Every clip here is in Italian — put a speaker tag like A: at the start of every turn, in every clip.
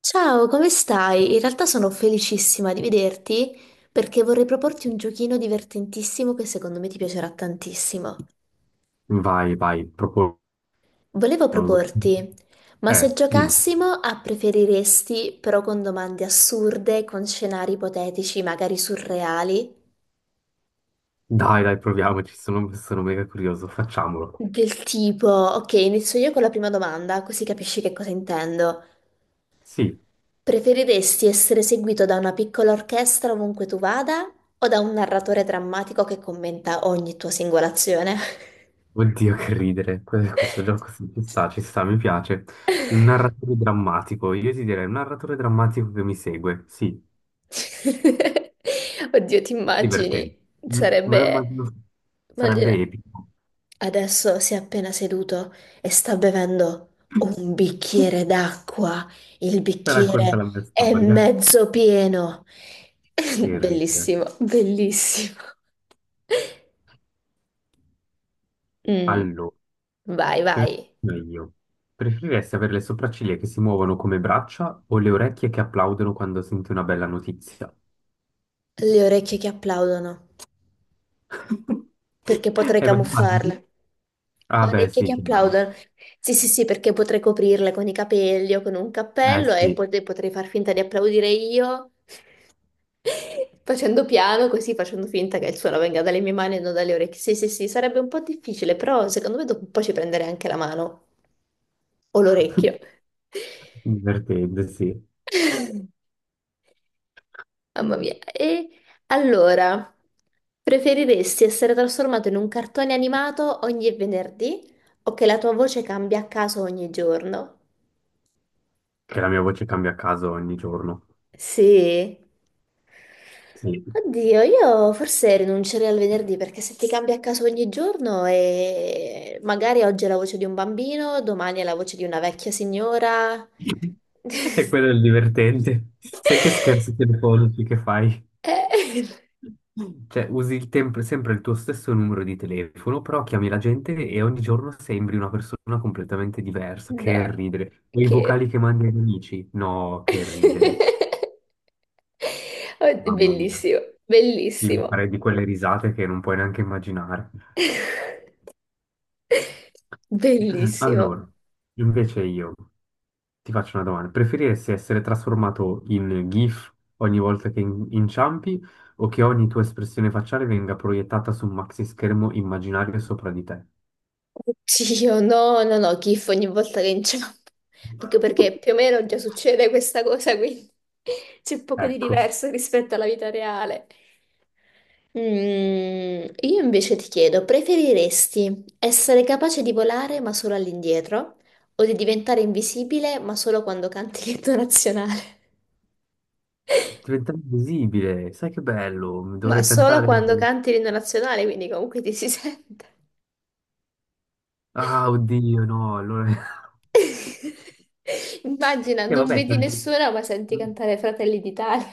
A: Ciao, come stai? In realtà sono felicissima di vederti perché vorrei proporti un giochino divertentissimo che secondo me ti piacerà tantissimo.
B: Vai, vai, proprio
A: Volevo
B: curioso.
A: proporti, ma se
B: Dimmi.
A: giocassimo a preferiresti, però con domande assurde, con scenari ipotetici, magari surreali,
B: Dai, proviamoci, sono mega curioso, facciamolo.
A: del tipo, ok, inizio io con la prima domanda, così capisci che cosa intendo.
B: Sì,
A: Preferiresti essere seguito da una piccola orchestra ovunque tu vada o da un narratore drammatico che commenta ogni tua singola azione?
B: oddio che ridere, questo gioco ci sta, mi piace. Un narratore drammatico, io ti direi un narratore drammatico che mi segue, sì,
A: Oddio, ti immagini?
B: divertente. Me lo
A: Sarebbe...
B: immagino,
A: Immagina,
B: sarebbe epico.
A: adesso si è appena seduto e sta bevendo un bicchiere d'acqua. Il
B: Racconta
A: bicchiere
B: la mia
A: è
B: storia.
A: mezzo pieno.
B: Che ridere.
A: Bellissimo, bellissimo. Mm,
B: Allora.
A: vai,
B: Per-
A: vai.
B: Meglio. Preferiresti avere le sopracciglia che si muovono come braccia o le orecchie che applaudono quando senti una bella notizia?
A: Le orecchie che applaudono, perché potrei
B: Ma immagini?
A: camuffarle.
B: Ah, beh,
A: Orecchie
B: sì,
A: che
B: chiaro.
A: applaudono. Sì, sì, sì, perché potrei coprirle con i capelli o con un cappello e
B: Sì.
A: potrei far finta di applaudire io, facendo piano, così facendo finta che il suono venga dalle mie mani e non dalle orecchie. Sì, sì, sì, sarebbe un po' difficile, però secondo me dopo un po' ci prenderei anche la mano o l'orecchio.
B: Divertente, sì.
A: Mamma
B: Mm.
A: mia. E allora, preferiresti essere trasformato in un cartone animato ogni venerdì o che la tua voce cambia a caso ogni giorno?
B: Che la mia voce cambia a caso ogni giorno.
A: Sì.
B: Sì.
A: Oddio, io forse rinuncerei al venerdì perché se ti cambia a caso ogni giorno e magari oggi è la voce di un bambino, domani è la voce di una vecchia signora.
B: E quello è il divertente. Sai che scherzi telefonici che fai?
A: Eh,
B: Cioè, usi il sempre il tuo stesso numero di telefono, però chiami la gente e ogni giorno sembri una persona completamente diversa. Che
A: no,
B: ridere. O i vocali
A: che...
B: che mandi agli amici? No, che ridere.
A: Oh,
B: Mamma mia.
A: bellissimo,
B: Sì, mi
A: bellissimo,
B: farei di quelle risate che non puoi neanche immaginare.
A: bellissimo.
B: Allora, invece io ti faccio una domanda. Preferiresti essere trasformato in GIF ogni volta che inciampi o che ogni tua espressione facciale venga proiettata su un maxi schermo immaginario sopra di te?
A: Oddio, no, no, no, gif ogni volta che inciampo. Anche perché più o meno già succede questa cosa, quindi c'è poco di
B: Ecco,
A: diverso rispetto alla vita reale. Mm, io invece ti chiedo, preferiresti essere capace di volare ma solo all'indietro o di diventare invisibile ma solo quando canti l'inno nazionale?
B: diventare invisibile, sai che bello, mi
A: Ma
B: dovrei
A: solo
B: cantare.
A: quando canti l'inno nazionale, quindi comunque ti si sente.
B: Ah, oddio, no, allora...
A: Immagina,
B: E
A: non
B: vabbè,
A: vedi nessuno, ma senti cantare Fratelli d'Italia.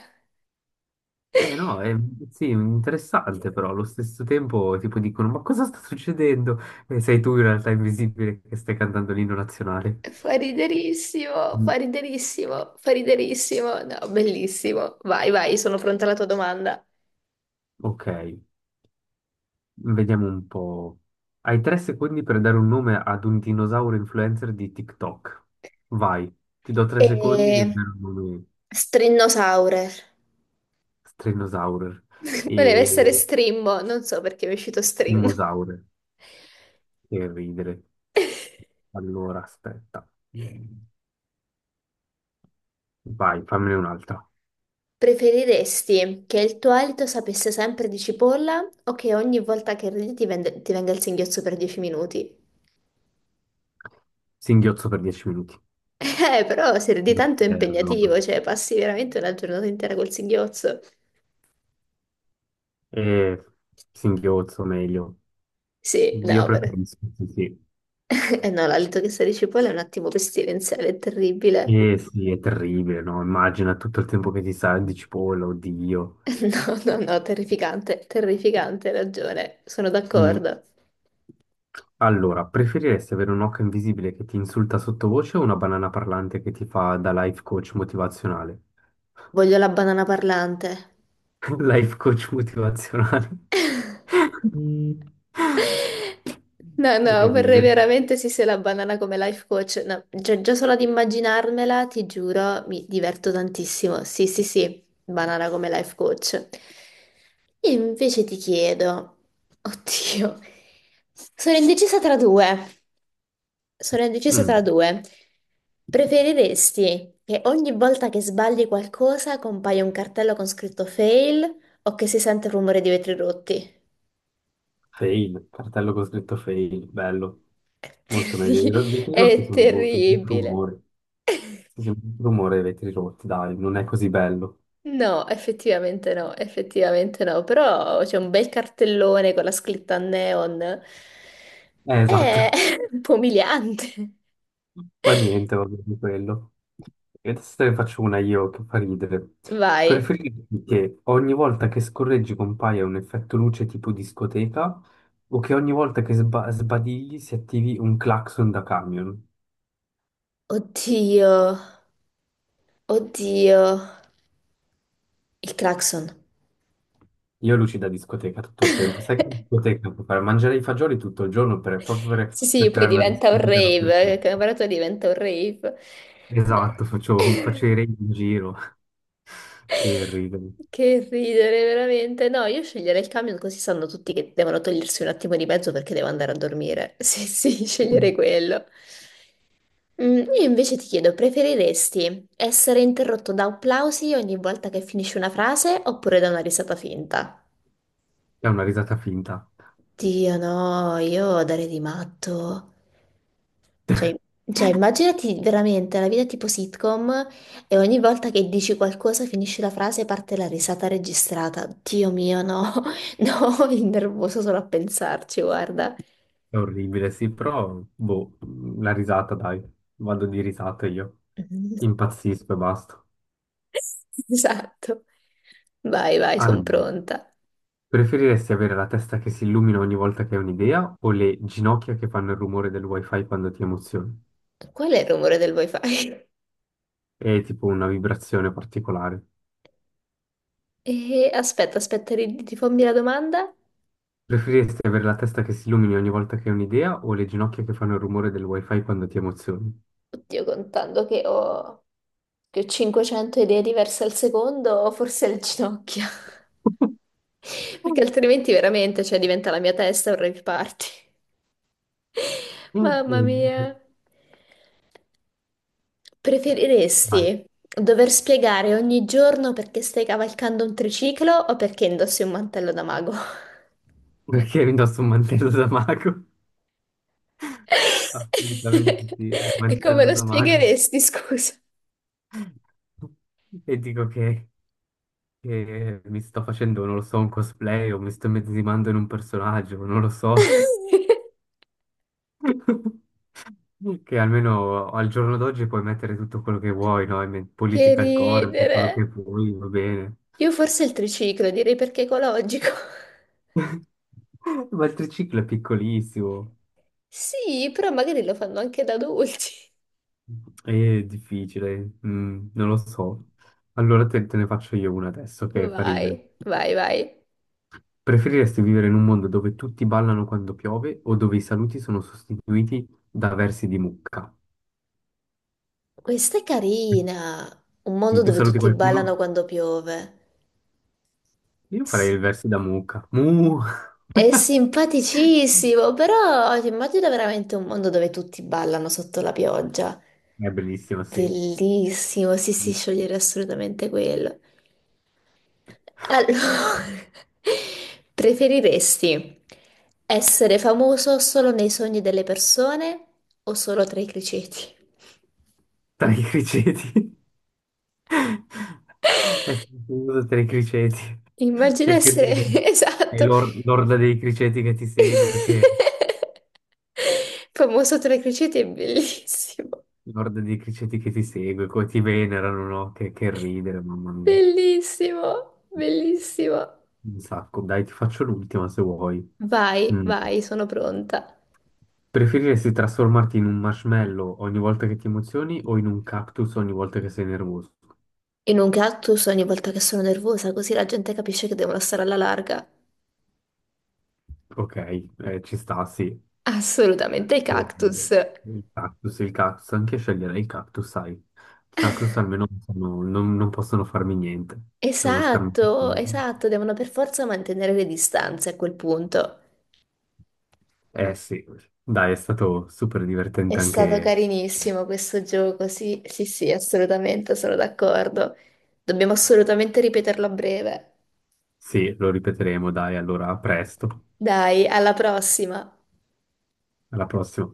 B: Eh no, è... sì, interessante però, allo stesso tempo tipo dicono, ma cosa sta succedendo? E sei tu in realtà invisibile che stai cantando l'inno nazionale.
A: Fa riderissimo, fa
B: Mm,
A: riderissimo, fa riderissimo. No, bellissimo. Vai, vai, sono pronta alla tua domanda.
B: Ok, vediamo un po'. Hai 3 secondi per dare un nome ad un dinosauro influencer di TikTok. Vai, ti do 3 secondi, devi
A: E...
B: dare un nome.
A: Strinnosaurer.
B: Strenosaurer.
A: Voleva essere strimbo, non so perché mi è uscito strinno.
B: Dinosaure. Che ridere. Allora, aspetta. Mm. Vai, fammene un'altra.
A: Preferiresti che il tuo alito sapesse sempre di cipolla o che ogni volta che ridi ti venga il singhiozzo per 10 minuti?
B: Singhiozzo per 10 minuti.
A: Però se di tanto è
B: No, non lo
A: impegnativo, cioè
B: dico.
A: passi veramente una giornata intera col singhiozzo.
B: Eh, singhiozzo, meglio.
A: Sì,
B: Io
A: no, però...
B: preferisco, sì, sì.
A: Eh no, l'alito che sa di cipolla è un attimo pestilenziale, è terribile.
B: Eh sì, è terribile, no? Immagina tutto il tempo che ti sa di cipolla, oddio.
A: No, no, no, terrificante, terrificante, hai ragione, sono
B: Mm.
A: d'accordo.
B: Allora, preferiresti avere un occhio invisibile che ti insulta sottovoce o una banana parlante che ti fa da life coach motivazionale?
A: Voglio la banana parlante.
B: Life coach motivazionale.
A: No,
B: Che
A: no, vorrei
B: ridere.
A: veramente sì se la banana come life coach. No, già, già solo ad immaginarmela, ti giuro, mi diverto tantissimo. Sì, sì, sì, banana come life coach. Io invece ti chiedo, oddio, sono indecisa tra due. Sono indecisa tra
B: Mm,
A: due. Preferiresti che ogni volta che sbagli qualcosa compaia un cartello con scritto fail o che si sente il rumore di vetri rotti?
B: Fail, cartello con scritto fail, bello. Molto meglio. I
A: Terri-
B: i vetri rotti
A: È
B: sono brutto, brutto
A: terribile.
B: rumore. Sì, sì, brutto rumore i vetri rotti, dai, non è così bello.
A: No, effettivamente no, effettivamente no, però c'è un bel cartellone con la scritta a neon. È
B: Esatto.
A: un po' umiliante.
B: Fa niente, va bene quello. E adesso te ne faccio una io che fa ridere.
A: Vai.
B: Preferiresti che ogni volta che scorreggi compaia un effetto luce tipo discoteca o che ogni volta che sbadigli si attivi un clacson da camion?
A: Oddio, oddio. Il clacson.
B: Io luci da discoteca tutto il tempo. Sai che in discoteca puoi fare? Mangiare i fagioli tutto il giorno per, proprio
A: Sì,
B: per
A: sì, poi
B: creare una
A: diventa un
B: discoteca
A: rave, il
B: dappertutto.
A: camerato diventa un rave. No.
B: Esatto, faccio i re in giro. Che ridere.
A: Che ridere, veramente. No, io sceglierei il camion così sanno tutti che devono togliersi un attimo di mezzo perché devo andare a dormire. Sì, sì, sceglierei quello. Mm, io invece ti chiedo, preferiresti essere interrotto da applausi ogni volta che finisci una frase oppure da una risata finta?
B: È una risata finta.
A: Dio no, io darei di matto. Cioè, cioè, immaginati veramente la vita tipo sitcom e ogni volta che dici qualcosa, finisci la frase e parte la risata registrata. Dio mio, no, no, mi nervoso solo a pensarci, guarda.
B: È orribile, sì, però boh, la risata, dai, vado di risata io. Impazzisco e basta.
A: Esatto. Vai, vai, sono
B: Allora,
A: pronta.
B: preferiresti avere la testa che si illumina ogni volta che hai un'idea o le ginocchia che fanno il rumore del wifi quando ti emozioni?
A: Qual è il rumore del wifi?
B: È tipo una vibrazione particolare.
A: E, aspetta, aspetta, rifammi la domanda.
B: Preferiresti avere la testa che si illumini ogni volta che hai un'idea o le ginocchia che fanno il rumore del wifi quando ti emozioni?
A: Oddio, che ho 500 idee diverse al secondo, forse è il ginocchio. Perché altrimenti veramente, cioè, diventa la mia testa un rave party. Mamma
B: Oddio.
A: mia.
B: Vai.
A: Preferiresti dover spiegare ogni giorno perché stai cavalcando un triciclo o perché indossi un mantello da mago?
B: Perché mi indosso un mantello da mago? Assolutamente sì, un
A: E come
B: mantello
A: lo
B: da mago.
A: spiegheresti, scusa?
B: E dico che mi sto facendo, non lo so, un cosplay o mi sto immedesimando in un personaggio, non lo so. Che almeno al giorno d'oggi puoi mettere tutto quello che vuoi, no? E
A: Che
B: Political corpo, quello
A: ridere.
B: che vuoi, va bene.
A: Io forse il triciclo, direi perché ecologico.
B: Ma il triciclo è piccolissimo,
A: Sì, però magari lo fanno anche da adulti.
B: è difficile, mm, non lo so. Allora te ne faccio io una adesso che fa ridere.
A: Vai, vai, vai.
B: Preferiresti vivere in un mondo dove tutti ballano quando piove o dove i saluti sono sostituiti da versi di mucca?
A: Questa è
B: Quindi,
A: carina, un mondo
B: tu
A: dove
B: saluti
A: tutti ballano
B: qualcuno?
A: quando piove.
B: Io farei
A: S-
B: il verso da mucca. Mu!
A: È simpaticissimo, però ti immagino veramente un mondo dove tutti ballano sotto la pioggia.
B: È bellissimo, sì.
A: Bellissimo, sì, sì, sciogliere assolutamente quello. Allora, preferiresti essere famoso solo nei sogni delle persone o solo tra i criceti?
B: Tra i criceti. È sentito tra i criceti.
A: Immagino
B: Sai che
A: essere,
B: ridere. È
A: esatto,
B: l'orda dei criceti che ti segue, che...
A: famoso sotto le cricete è bellissimo,
B: L'orda dei criceti che ti segue, come ti venerano, no? Che ridere, mamma mia.
A: bellissimo, bellissimo.
B: Un sacco, dai, ti faccio l'ultima se vuoi.
A: Vai,
B: Mm.
A: vai, sono pronta.
B: Preferiresti trasformarti in un marshmallow ogni volta che ti emozioni o in un cactus ogni volta che sei nervoso?
A: E non cactus ogni volta che sono nervosa, così la gente capisce che devono stare alla larga.
B: Ok, ci sta, sì.
A: Assolutamente, i
B: Eh,
A: cactus.
B: il cactus, il cactus, anche sceglierei il cactus, sai. Il cactus almeno non, non possono farmi niente, devono starmi...
A: Esatto, esatto, devono per forza mantenere le distanze a quel punto.
B: Eh sì, dai, è stato super
A: È
B: divertente
A: stato
B: anche...
A: carinissimo questo gioco, sì, sì, sì, assolutamente, sono d'accordo. Dobbiamo assolutamente ripeterlo a breve.
B: Sì, lo ripeteremo, dai, allora a presto,
A: Dai, alla prossima.
B: alla prossima.